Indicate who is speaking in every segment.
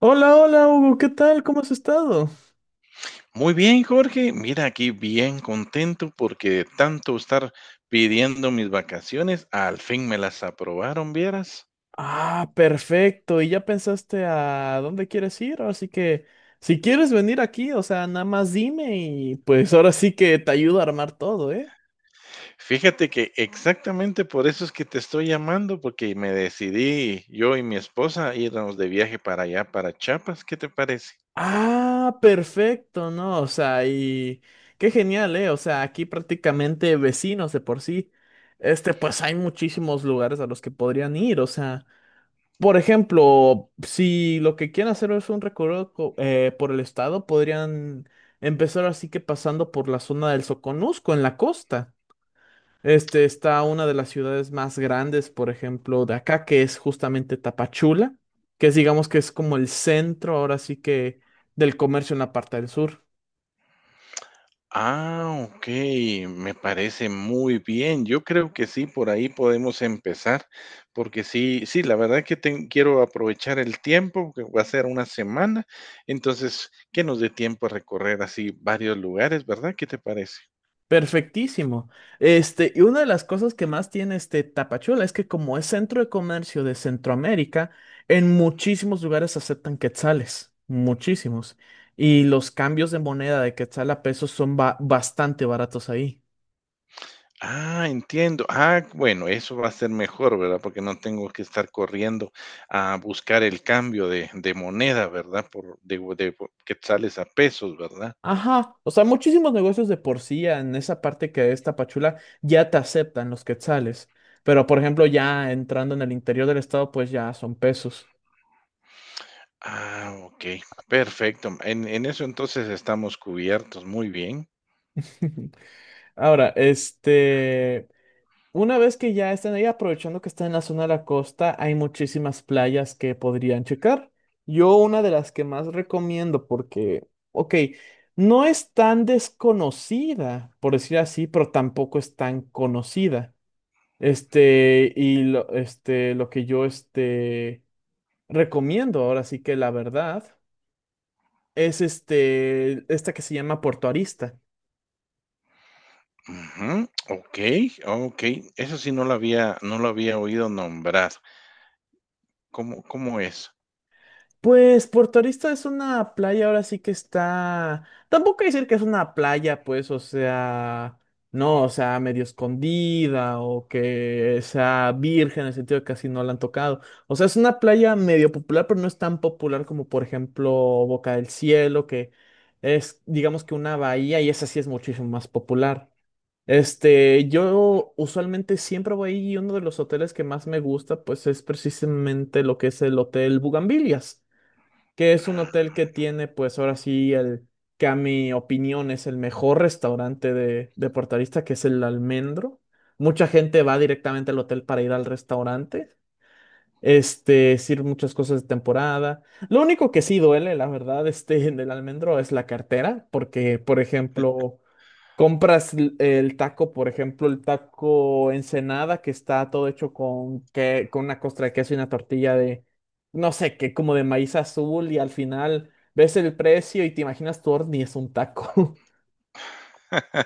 Speaker 1: Hola, hola Hugo, ¿qué tal? ¿Cómo has estado?
Speaker 2: Muy bien, Jorge. Mira, aquí bien contento porque de tanto estar pidiendo mis vacaciones, al fin me las aprobaron, vieras.
Speaker 1: Ah, perfecto. ¿Y ya pensaste a dónde quieres ir? Así que si quieres venir aquí, o sea, nada más dime y pues ahora sí que te ayudo a armar todo, ¿eh?
Speaker 2: Fíjate que exactamente por eso es que te estoy llamando, porque me decidí yo y mi esposa a irnos de viaje para allá, para Chiapas. ¿Qué te parece?
Speaker 1: Ah, perfecto, ¿no? O sea, y qué genial, ¿eh? O sea, aquí prácticamente vecinos de por sí. Este, pues hay muchísimos lugares a los que podrían ir, o sea. Por ejemplo, si lo que quieren hacer es un recorrido por el estado, podrían empezar así que pasando por la zona del Soconusco, en la costa. Este está una de las ciudades más grandes, por ejemplo, de acá, que es justamente Tapachula, que es digamos que es como el centro ahora sí que del comercio en la parte del sur.
Speaker 2: Ah, okey, me parece muy bien. Yo creo que sí, por ahí podemos empezar, porque sí, la verdad que ten quiero aprovechar el tiempo, que va a ser una semana, entonces, que nos dé tiempo a recorrer así varios lugares, ¿verdad? ¿Qué te parece?
Speaker 1: Perfectísimo. Este, y una de las cosas que más tiene este Tapachula es que como es centro de comercio de Centroamérica, en muchísimos lugares aceptan quetzales, muchísimos. Y los cambios de moneda de quetzal a pesos son bastante baratos ahí.
Speaker 2: Ah, entiendo. Ah, bueno, eso va a ser mejor, ¿verdad? Porque no tengo que estar corriendo a buscar el cambio de moneda, ¿verdad? Por de quetzales a pesos, ¿verdad?
Speaker 1: Ajá, o sea, muchísimos negocios de por sí en esa parte que es Tapachula ya te aceptan los quetzales, pero por ejemplo ya entrando en el interior del estado pues ya son pesos.
Speaker 2: Ah, okey, perfecto. En eso entonces estamos cubiertos, muy bien.
Speaker 1: Ahora, este, una vez que ya están ahí, aprovechando que están en la zona de la costa, hay muchísimas playas que podrían checar. Yo una de las que más recomiendo porque, ok, no es tan desconocida, por decir así, pero tampoco es tan conocida. Este, y lo, este, lo que yo este, recomiendo, ahora sí que la verdad, es este, esta que se llama Puerto Arista.
Speaker 2: Ujú, okey, okey. Eso sí no lo había oído nombrar. ¿Cómo es?
Speaker 1: Pues Puerto Arista es una playa, ahora sí que está. Tampoco decir que es una playa, pues, o sea, no, o sea, medio escondida o que sea virgen en el sentido de que casi no la han tocado. O sea, es una playa medio popular, pero no es tan popular como, por ejemplo, Boca del Cielo, que es, digamos que una bahía y esa sí es muchísimo más popular. Este, yo usualmente siempre voy ahí y uno de los hoteles que más me gusta, pues, es precisamente lo que es el Hotel Bugambilias, que es un
Speaker 2: Ah.
Speaker 1: hotel que tiene, pues ahora sí, el que a mi opinión es el mejor restaurante de Puerto Arista, que es el Almendro. Mucha gente va directamente al hotel para ir al restaurante. Este, sirve muchas cosas de temporada. Lo único que sí duele, la verdad, este, en el Almendro es la cartera, porque, por ejemplo, compras el taco, por ejemplo, el taco Ensenada, que está todo hecho con, que, con una costra de queso y una tortilla de, no sé qué, como de maíz azul, y al final ves el precio y te imaginas tu horno y es un taco.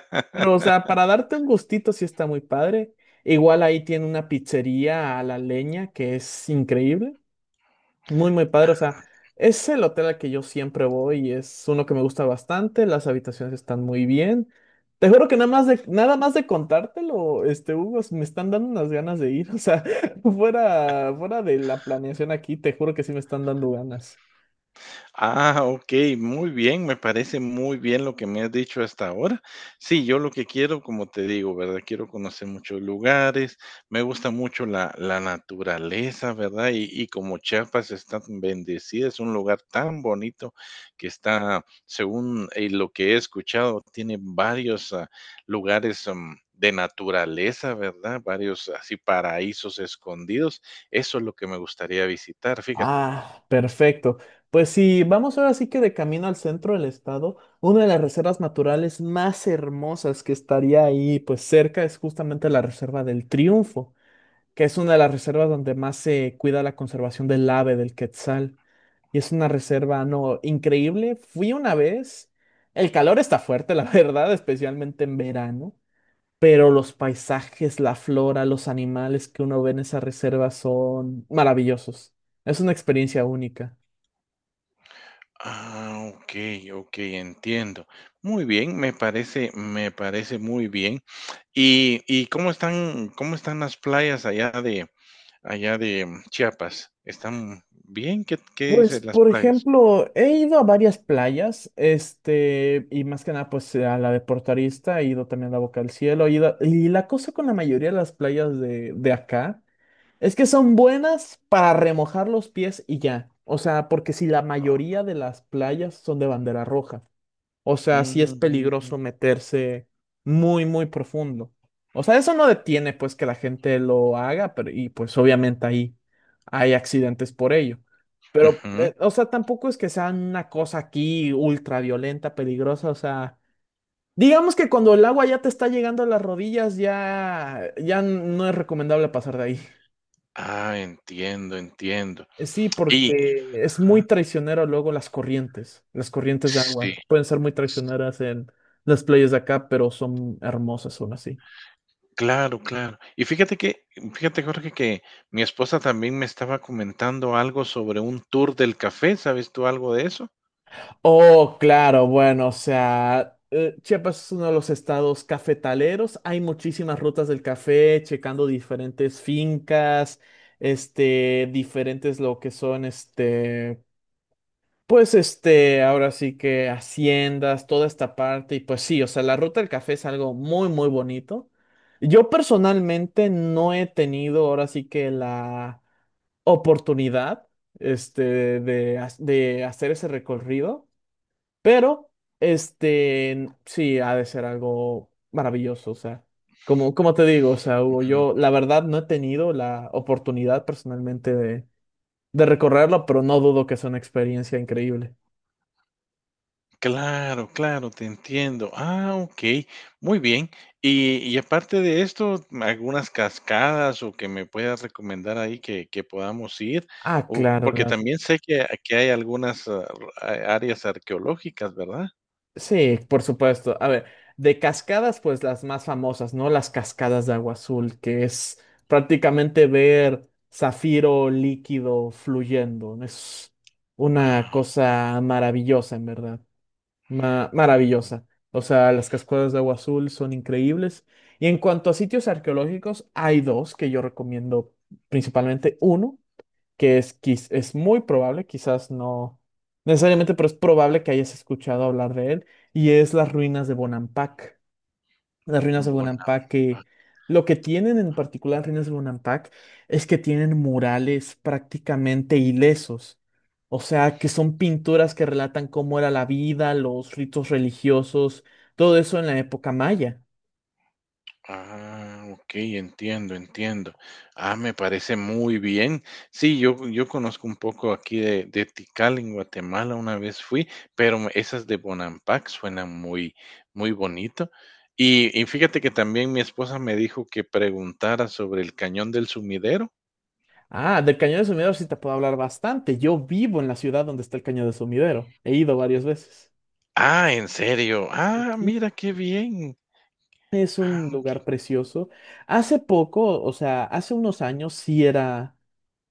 Speaker 1: Pero, o sea, para darte un gustito sí está muy padre. Igual ahí tiene una pizzería a la leña que es increíble. Muy, muy padre. O sea, es el hotel al que yo siempre voy y es uno que me gusta bastante. Las habitaciones están muy bien. Te juro que nada más de contártelo, este, Hugo, me están dando unas ganas de ir. O sea, fuera de la planeación aquí, te juro que sí me están dando ganas.
Speaker 2: Ah, ok, muy bien, me parece muy bien lo que me has dicho hasta ahora. Sí, yo lo que quiero, como te digo, ¿verdad? Quiero conocer muchos lugares, me gusta mucho la naturaleza, ¿verdad?, y como Chiapas está tan bendecida, es un lugar tan bonito que está, según lo que he escuchado, tiene varios lugares de naturaleza, ¿verdad? Varios así paraísos escondidos. Eso es lo que me gustaría visitar, fíjate.
Speaker 1: Ah, perfecto. Pues sí, vamos ahora sí que de camino al centro del estado, una de las reservas naturales más hermosas que estaría ahí, pues cerca, es justamente la Reserva del Triunfo, que es una de las reservas donde más se cuida la conservación del ave, del quetzal. Y es una reserva, no, increíble. Fui una vez. El calor está fuerte, la verdad, especialmente en verano. Pero los paisajes, la flora, los animales que uno ve en esa reserva son maravillosos. Es una experiencia única.
Speaker 2: Ah, okey, okey, entiendo. Muy bien, me parece muy bien. Y cómo están las playas allá de Chiapas? ¿Están bien? ¿Qué qué
Speaker 1: Pues,
Speaker 2: dicen las
Speaker 1: por
Speaker 2: playas?
Speaker 1: ejemplo, he ido a varias playas, este, y más que nada, pues a la de Portarista, he ido también a la Boca del Cielo, y la cosa con la mayoría de las playas de acá es que son buenas para remojar los pies y ya. O sea, porque si la mayoría de las playas son de bandera roja. O sea, sí es
Speaker 2: Mm,
Speaker 1: peligroso meterse muy, muy profundo. O sea, eso no detiene pues que la gente lo haga, pero y pues obviamente ahí hay accidentes por ello. Pero,
Speaker 2: ujú.
Speaker 1: o sea, tampoco es que sea una cosa aquí ultra violenta, peligrosa. O sea, digamos que cuando el agua ya te está llegando a las rodillas, ya no es recomendable pasar de ahí.
Speaker 2: Ah, entiendo, entiendo.
Speaker 1: Sí,
Speaker 2: Y
Speaker 1: porque es muy
Speaker 2: ajá,
Speaker 1: traicionero luego las corrientes de
Speaker 2: sí,
Speaker 1: agua. Pueden ser muy traicioneras en las playas de acá, pero son hermosas aún así.
Speaker 2: claro, claro. Y fíjate que Jorge, que mi esposa también me estaba comentando algo sobre un tour del café, ¿sabes tú algo de eso?
Speaker 1: Oh, claro, bueno, o sea, Chiapas es uno de los estados cafetaleros. Hay muchísimas rutas del café, checando diferentes fincas, este, diferentes lo que son, este, pues este, ahora sí que haciendas, toda esta parte, y pues sí, o sea, la ruta del café es algo muy, muy bonito. Yo personalmente no he tenido ahora sí que la oportunidad, este, de hacer ese recorrido, pero este, sí, ha de ser algo maravilloso, o sea, como, como te digo, o sea, Hugo, yo la verdad no he tenido la oportunidad personalmente de recorrerlo, pero no dudo que es una experiencia increíble.
Speaker 2: Claro, claro, te entiendo. Ah, okey, muy bien. Y aparte de esto, algunas cascadas o que me puedas recomendar ahí que podamos ir,
Speaker 1: Ah,
Speaker 2: o
Speaker 1: claro,
Speaker 2: porque
Speaker 1: las...
Speaker 2: también sé que hay algunas, a áreas arqueológicas, ¿verdad?
Speaker 1: Sí, por supuesto. A ver, de cascadas, pues las más famosas, ¿no? Las cascadas de agua azul, que es prácticamente ver zafiro líquido fluyendo. Es una
Speaker 2: Ah,
Speaker 1: cosa maravillosa, en verdad. Maravillosa. O sea, las cascadas de agua azul son increíbles. Y en cuanto a sitios arqueológicos, hay dos que yo recomiendo principalmente. Uno que es muy probable, quizás no necesariamente, pero es probable que hayas escuchado hablar de él, y es las ruinas de Bonampak. Las ruinas de
Speaker 2: Bonapa.
Speaker 1: Bonampak, que lo que tienen en particular las ruinas de Bonampak es que tienen murales prácticamente ilesos. O sea, que son pinturas que relatan cómo era la vida, los ritos religiosos, todo eso en la época maya.
Speaker 2: Ah, ok, entiendo, entiendo. Ah, me parece muy bien. Sí, yo conozco un poco aquí de Tikal en Guatemala, una vez fui, pero esas de Bonampak suenan muy, muy bonito. Y fíjate que también mi esposa me dijo que preguntara sobre el Cañón del Sumidero.
Speaker 1: Ah, del Cañón de Sumidero sí te puedo hablar bastante. Yo vivo en la ciudad donde está el Cañón de Sumidero. He ido varias veces.
Speaker 2: Ah, ¿en serio? Ah,
Speaker 1: Sí,
Speaker 2: mira qué bien.
Speaker 1: es
Speaker 2: Ah,
Speaker 1: un
Speaker 2: ok.
Speaker 1: lugar precioso. Hace poco, o sea, hace unos años sí era,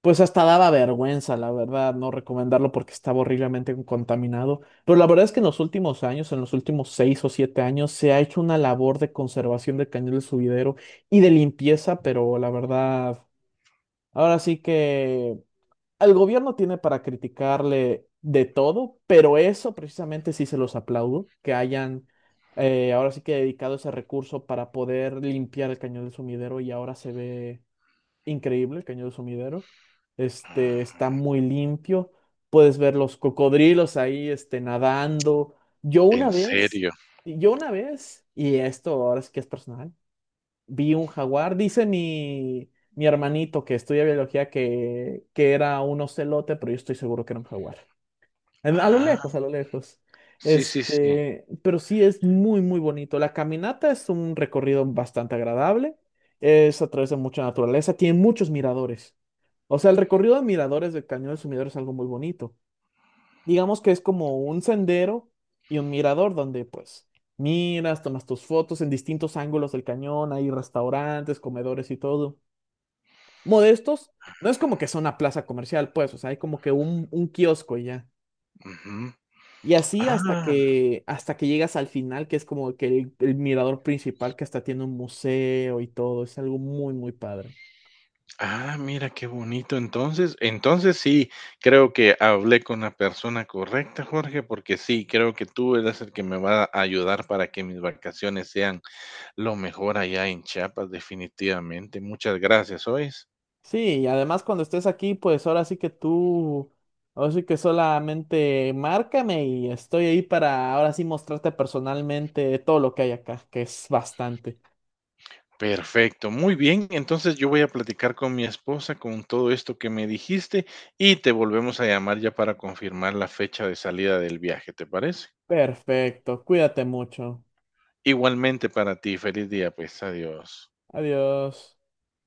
Speaker 1: pues hasta daba vergüenza, la verdad, no recomendarlo porque estaba horriblemente contaminado. Pero la verdad es que en los últimos años, en los últimos seis o siete años, se ha hecho una labor de conservación del Cañón del Subidero y de limpieza, pero la verdad, ahora sí que al gobierno tiene para criticarle de todo, pero eso precisamente sí se los aplaudo, que hayan ahora sí que dedicado ese recurso para poder limpiar el Cañón del Sumidero y ahora se ve increíble el Cañón del Sumidero. Este está
Speaker 2: Ah,
Speaker 1: muy limpio, puedes ver los cocodrilos ahí este, nadando. Yo una
Speaker 2: ¿en
Speaker 1: vez,
Speaker 2: serio?
Speaker 1: yo una vez, y esto ahora sí que es personal, vi un jaguar. Dice mi hermanito que estudia biología que era un ocelote, pero yo estoy seguro que era un jaguar. A lo
Speaker 2: Ah,
Speaker 1: lejos, a lo lejos.
Speaker 2: sí, sí, sí.
Speaker 1: Este, pero sí es muy, muy bonito. La caminata es un recorrido bastante agradable. Es a través de mucha naturaleza. Tiene muchos miradores. O sea, el recorrido de miradores del Cañón del Sumidero es algo muy bonito. Digamos que es como un sendero y un mirador donde pues miras, tomas tus fotos en distintos ángulos del cañón, hay restaurantes, comedores y todo. Modestos, no es como que sea una plaza comercial, pues, o sea, hay como que un kiosco y ya.
Speaker 2: Ujú.
Speaker 1: Y así
Speaker 2: Ah.
Speaker 1: hasta que llegas al final, que es como que el mirador principal que hasta tiene un museo y todo, es algo muy, muy padre.
Speaker 2: Ah, mira qué bonito. Entonces, entonces sí, creo que hablé con la persona correcta, Jorge, porque sí, creo que tú eres el que me va a ayudar para que mis vacaciones sean lo mejor allá en Chiapas, definitivamente. Muchas gracias, ¿oyes?
Speaker 1: Sí, y además cuando estés aquí, pues ahora sí que tú, ahora sí que solamente márcame y estoy ahí para ahora sí mostrarte personalmente todo lo que hay acá, que es bastante.
Speaker 2: Perfecto, muy bien. Entonces yo voy a platicar con mi esposa con todo esto que me dijiste y te volvemos a llamar ya para confirmar la fecha de salida del viaje, ¿te parece?
Speaker 1: Perfecto, cuídate mucho.
Speaker 2: Igualmente para ti, feliz día, pues adiós.
Speaker 1: Adiós.